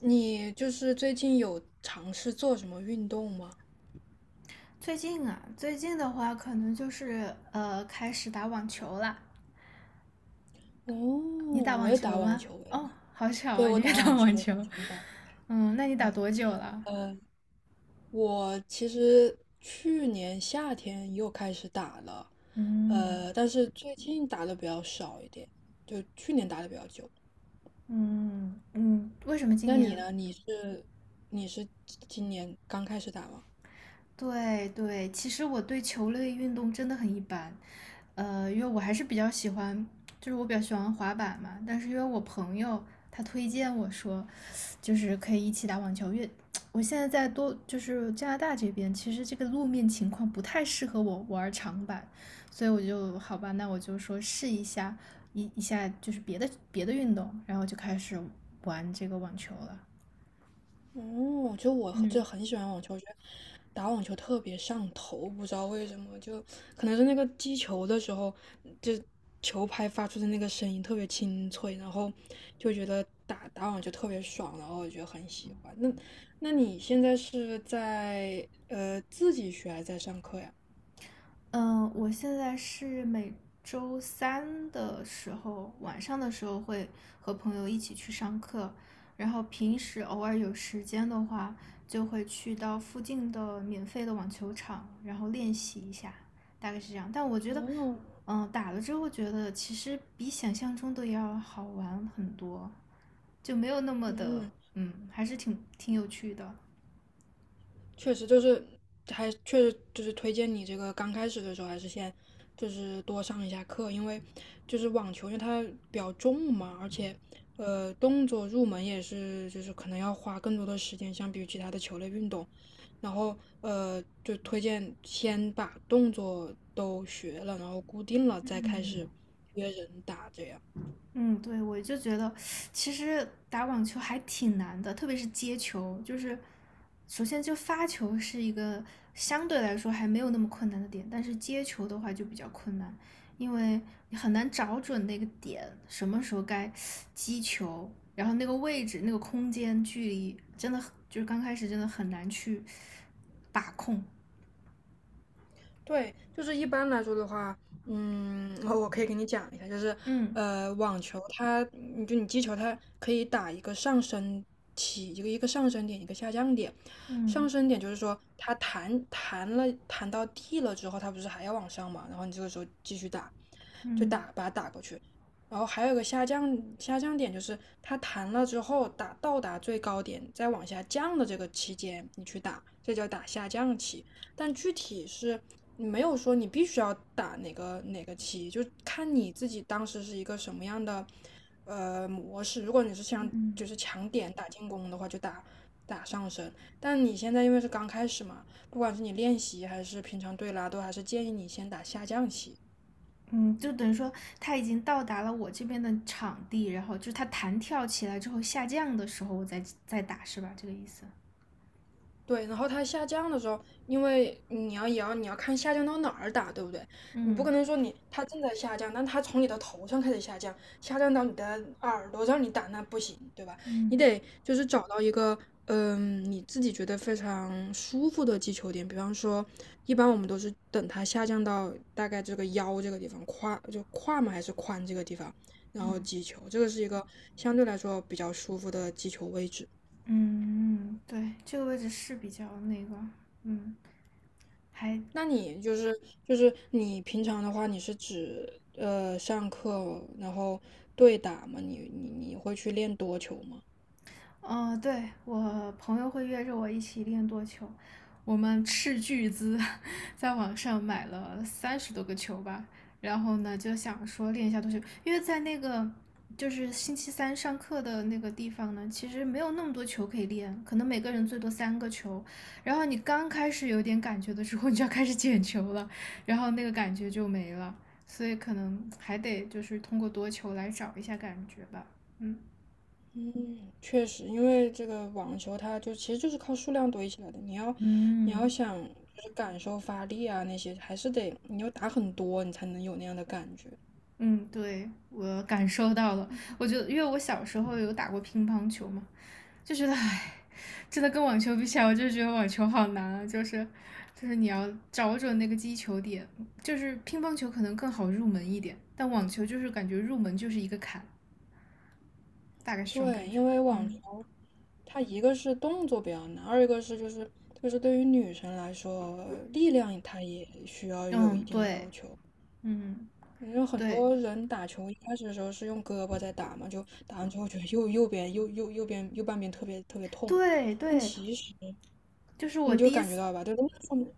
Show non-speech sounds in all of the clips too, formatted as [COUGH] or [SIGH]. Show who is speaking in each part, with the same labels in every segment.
Speaker 1: 你就是最近有尝试做什么运动吗？
Speaker 2: 最近啊，最近的话可能就是开始打网球了。
Speaker 1: 哦，
Speaker 2: 你打
Speaker 1: 我
Speaker 2: 网
Speaker 1: 也打
Speaker 2: 球
Speaker 1: 网
Speaker 2: 吗？
Speaker 1: 球诶，
Speaker 2: 哦，好巧
Speaker 1: 对，
Speaker 2: 啊，
Speaker 1: 我
Speaker 2: 你也
Speaker 1: 打
Speaker 2: 打
Speaker 1: 网球，
Speaker 2: 网
Speaker 1: 我很
Speaker 2: 球。
Speaker 1: 喜欢打网
Speaker 2: 嗯，那你
Speaker 1: 球。
Speaker 2: 打多久了？
Speaker 1: 呃，我其实去年夏天又开始打了，
Speaker 2: 嗯
Speaker 1: 但是最近打的比较少一点，就去年打的比较久。
Speaker 2: 嗯，为什么今
Speaker 1: 那你
Speaker 2: 年
Speaker 1: 呢？你是今年刚开始打吗？
Speaker 2: 对对，其实我对球类运动真的很一般，因为我还是比较喜欢，就是我比较喜欢滑板嘛，但是因为我朋友他推荐我说，就是可以一起打网球，因为我现在在多就是加拿大这边，其实这个路面情况不太适合我玩长板，所以我就好吧，那我就说试一下一下就是别的运动，然后就开始玩这个网球了。
Speaker 1: 哦，就我就
Speaker 2: 嗯。
Speaker 1: 很喜欢网球，我觉得打网球特别上头，不知道为什么，就可能是那个击球的时候，就球拍发出的那个声音特别清脆，然后就觉得打打网球特别爽，然后我就很喜欢。那你现在是在自己学还是在上课呀？
Speaker 2: 嗯，我现在是每周三的时候，晚上的时候会和朋友一起去上课，然后平时偶尔有时间的话，就会去到附近的免费的网球场，然后练习一下，大概是这样。但我觉得，
Speaker 1: 哦，
Speaker 2: 嗯，打了之后觉得其实比想象中的要好玩很多，就没有那么的，
Speaker 1: 嗯，
Speaker 2: 嗯，还是挺有趣的。
Speaker 1: 确实就是还确实就是推荐你这个刚开始的时候还是先就是多上一下课，因为就是网球，因为它比较重嘛，而且动作入门也是就是可能要花更多的时间，相比于其他的球类运动。然后就推荐先把动作都学了，然后固定了再开
Speaker 2: 嗯。
Speaker 1: 始约人打这样。
Speaker 2: 嗯，对，我就觉得其实打网球还挺难的，特别是接球，就是首先就发球是一个相对来说还没有那么困难的点，但是接球的话就比较困难，因为你很难找准那个点，什么时候该击球，然后那个位置、那个空间、距离，真的很就是刚开始真的很难去把控。
Speaker 1: 对，就是一般来说的话，嗯，我可以给你讲一下，就是
Speaker 2: 嗯
Speaker 1: 网球它，你击球，它可以打一个上升起，一个上升点，一个下降点。上
Speaker 2: 嗯
Speaker 1: 升点就是说，它弹到地了之后，它不是还要往上嘛？然后你这个时候继续打，
Speaker 2: 嗯
Speaker 1: 把它打过去。然后还有一个下降点，就是它弹了之后打到达最高点，再往下降的这个期间，你去打，这叫打下降期。但具体是没有说你必须要打哪个棋，就看你自己当时是一个什么样的模式。如果你是
Speaker 2: 嗯。
Speaker 1: 想
Speaker 2: 嗯
Speaker 1: 就是强点打进攻的话，就打上升。但你现在因为是刚开始嘛，不管是你练习还是平常对拉，都还是建议你先打下降棋。
Speaker 2: 嗯，就等于说他已经到达了我这边的场地，然后就是它弹跳起来之后下降的时候，我再打，是吧？这个意思。
Speaker 1: 对，然后它下降的时候，因为你要看下降到哪儿打，对不对？你不
Speaker 2: 嗯
Speaker 1: 可能说你它正在下降，但它从你的头上开始下降，下降到你的耳朵让你打，那不行，对吧？你
Speaker 2: 嗯
Speaker 1: 得就是找到一个你自己觉得非常舒服的击球点，比方说，一般我们都是等它下降到大概这个腰这个地方，胯就胯嘛还是髋这个地方，
Speaker 2: 嗯
Speaker 1: 然后
Speaker 2: 嗯
Speaker 1: 击球，这个是一个相对来说比较舒服的击球位置。
Speaker 2: 嗯，对，这个位置是比较那个，嗯，还
Speaker 1: 那你就是你平常的话，你是指上课然后对打吗？你会去练多球吗？
Speaker 2: 对，我朋友会约着我一起练多球，我们斥巨资 [LAUGHS] 在网上买了三十多个球吧，然后呢就想说练一下多球，因为在那个就是星期三上课的那个地方呢，其实没有那么多球可以练，可能每个人最多三个球，然后你刚开始有点感觉的时候，[LAUGHS] 你就要开始捡球了，然后那个感觉就没了，所以可能还得就是通过多球来找一下感觉吧。嗯。
Speaker 1: 嗯，确实，因为这个网球它就其实就是靠数量堆起来的。你要
Speaker 2: 嗯，
Speaker 1: 想就是感受发力啊那些，还是得你要打很多，你才能有那样的感觉。
Speaker 2: 嗯，对，我感受到了。我觉得，因为我小时候有打过乒乓球嘛，就觉得，唉，真的跟网球比起来，我就觉得网球好难啊。就是，就是你要找准那个击球点，就是乒乓球可能更好入门一点，但网球就是感觉入门就是一个坎，大概是这种
Speaker 1: 对，
Speaker 2: 感觉。
Speaker 1: 因为网
Speaker 2: 嗯
Speaker 1: 球它一个是动作比较难，二一个是就是对于女生来说，力量它也需要有一
Speaker 2: 嗯，
Speaker 1: 定
Speaker 2: 对，
Speaker 1: 要求。
Speaker 2: 嗯
Speaker 1: 因为很
Speaker 2: 对
Speaker 1: 多人打球一开始的时候是用胳膊在打嘛，就打完之后觉得右半边特别特别痛，
Speaker 2: 对
Speaker 1: 但
Speaker 2: 对，
Speaker 1: 其实
Speaker 2: 就是我
Speaker 1: 你就
Speaker 2: 第一
Speaker 1: 感觉
Speaker 2: 次。
Speaker 1: 到吧，对，都是上面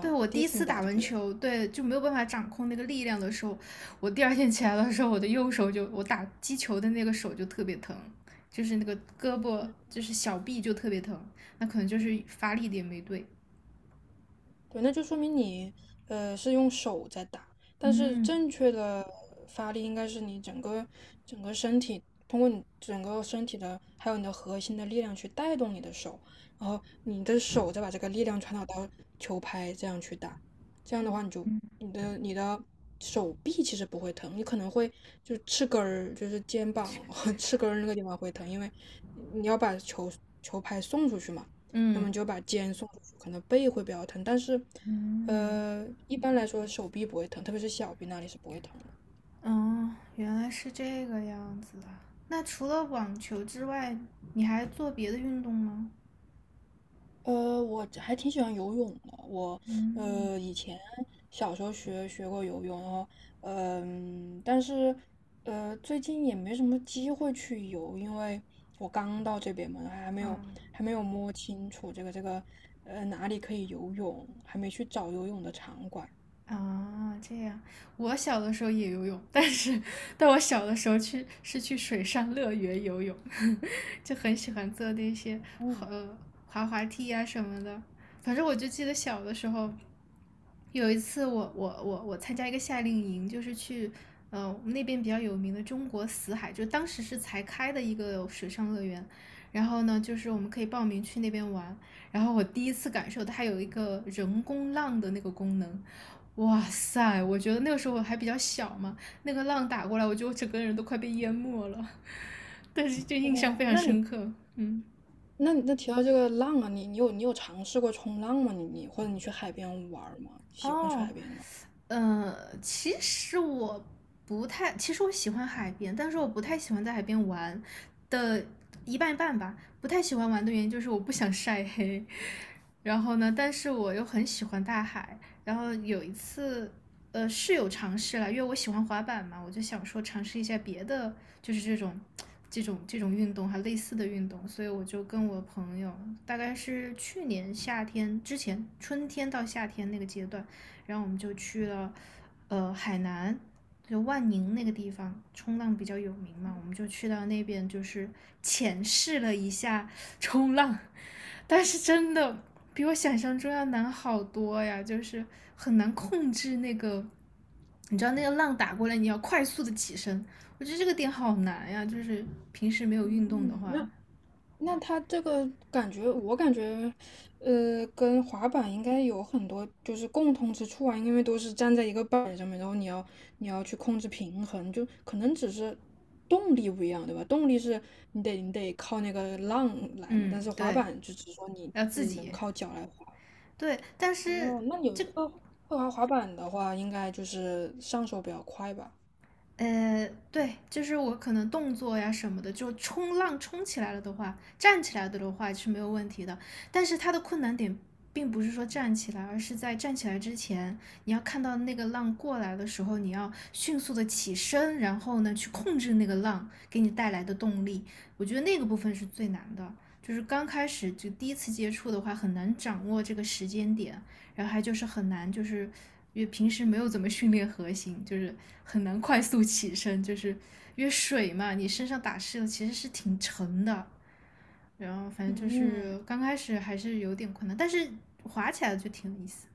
Speaker 2: 对我
Speaker 1: 第
Speaker 2: 第
Speaker 1: 一
Speaker 2: 一
Speaker 1: 次你
Speaker 2: 次
Speaker 1: 打
Speaker 2: 打
Speaker 1: 就
Speaker 2: 完
Speaker 1: 觉得。
Speaker 2: 球，对就没有办法掌控那个力量的时候，我第二天起来的时候，我的右手就我打击球的那个手就特别疼，就是那个胳膊就是小臂就特别疼，那可能就是发力点没对。
Speaker 1: 对，那就说明你是用手在打，但是
Speaker 2: 嗯
Speaker 1: 正确的发力应该是你整个身体，通过你整个身体的还有你的核心的力量去带动你的手，然后你的手再把这个力量传导到球拍，这样去打，这样的话你的手臂其实不会疼，你可能会就翅根儿就是肩膀 [LAUGHS] 翅根儿那个地方会疼，因为你要把球拍送出去嘛。那
Speaker 2: 嗯
Speaker 1: 么就把肩送出去，可能背会比较疼，但是，
Speaker 2: 嗯，
Speaker 1: 一般来说手臂不会疼，特别是小臂那里是不会疼的。
Speaker 2: 哦，原来是这个样子啊。那除了网球之外，你还做别的运动吗？
Speaker 1: 我还挺喜欢游泳的，我
Speaker 2: 嗯，
Speaker 1: 以前小时候学过游泳，然后但是最近也没什么机会去游，因为我刚到这边嘛，
Speaker 2: 嗯，
Speaker 1: 还没有摸清楚这个哪里可以游泳，还没去找游泳的场馆。
Speaker 2: 啊，这样，我小的时候也游泳，但是但我小的时候去是去水上乐园游泳，[LAUGHS] 就很喜欢坐那些
Speaker 1: 嗯，
Speaker 2: 呃滑滑梯啊什么的。反正我就记得小的时候，有一次我参加一个夏令营，就是去我们那边比较有名的中国死海，就当时是才开的一个水上乐园。然后呢，就是我们可以报名去那边玩。然后我第一次感受它有一个人工浪的那个功能，哇塞！我觉得那个时候我还比较小嘛，那个浪打过来，我觉得我整个人都快被淹没了，[LAUGHS] 但是就印象
Speaker 1: 哇，
Speaker 2: 非常
Speaker 1: 那你
Speaker 2: 深刻。嗯，
Speaker 1: 那你那提到这个浪啊，你有尝试过冲浪吗？或者你去海边玩儿吗？喜欢去
Speaker 2: 哦，
Speaker 1: 海边玩儿？
Speaker 2: 呃，其实我不太，其实我喜欢海边，但是我不太喜欢在海边玩的一半一半吧。不太喜欢玩的原因就是我不想晒黑，然后呢，但是我又很喜欢大海。然后有一次，是有尝试了，因为我喜欢滑板嘛，我就想说尝试一下别的，就是这种运动，还类似的运动。所以我就跟我朋友，大概是去年夏天之前，春天到夏天那个阶段，然后我们就去了，海南。就万宁那个地方冲浪比较有名嘛，我们就去到那边，就是浅试了一下冲浪，[LAUGHS] 但是真的比我想象中要难好多呀，就是很难控制那个，你知道那个浪打过来，你要快速的起身，我觉得这个点好难呀，就是平时没有运动的
Speaker 1: 嗯，
Speaker 2: 话，
Speaker 1: 那它这个感觉，我感觉，跟滑板应该有很多就是共通之处啊，因为都是站在一个板儿上面，然后你要去控制平衡，就可能只是动力不一样，对吧？动力是你得靠那个浪来嘛，
Speaker 2: 嗯，
Speaker 1: 但是滑
Speaker 2: 对，
Speaker 1: 板就只是说你
Speaker 2: 要
Speaker 1: 自
Speaker 2: 自
Speaker 1: 己人
Speaker 2: 己
Speaker 1: 靠脚来滑。
Speaker 2: 对，但是
Speaker 1: 哦，那你会滑滑板的话，应该就是上手比较快吧？
Speaker 2: 对，就是我可能动作呀什么的，就冲浪冲起来了的话，站起来的话是没有问题的。但是它的困难点并不是说站起来，而是在站起来之前，你要看到那个浪过来的时候，你要迅速的起身，然后呢去控制那个浪给你带来的动力。我觉得那个部分是最难的，就是刚开始就第一次接触的话，很难掌握这个时间点。然后还就是很难，就是因为平时没有怎么训练核心，就是很难快速起身，就是因为水嘛，你身上打湿了其实是挺沉的。然后反正就
Speaker 1: 嗯
Speaker 2: 是刚开始还是有点困难，但是滑起来就挺有意思。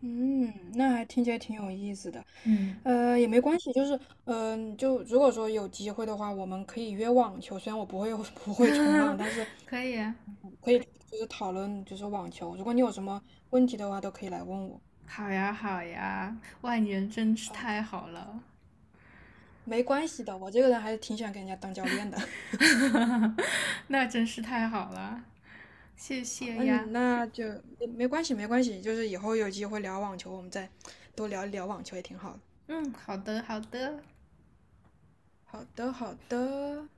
Speaker 1: 嗯，那还听起来挺有意思的。
Speaker 2: 嗯
Speaker 1: 也没关系，就是就如果说有机会的话，我们可以约网球。虽然我不会 [LAUGHS] 不会冲浪，但是
Speaker 2: [LAUGHS]，可以啊，
Speaker 1: 可以就是讨论就是网球。如果你有什么问题的话，都可以来问我。
Speaker 2: 好呀好呀，外年真是
Speaker 1: 好
Speaker 2: 太
Speaker 1: 的，
Speaker 2: 好了
Speaker 1: 没关系的，我这个人还是挺喜欢给人家当教练的。
Speaker 2: [LAUGHS]，那真是太好了，谢
Speaker 1: 好，
Speaker 2: 谢
Speaker 1: 那你
Speaker 2: 呀。
Speaker 1: 那就没关系，没关系，就是以后有机会聊网球，我们再多聊一聊网球也挺好的。
Speaker 2: 嗯，好的好的。
Speaker 1: 好的，好的，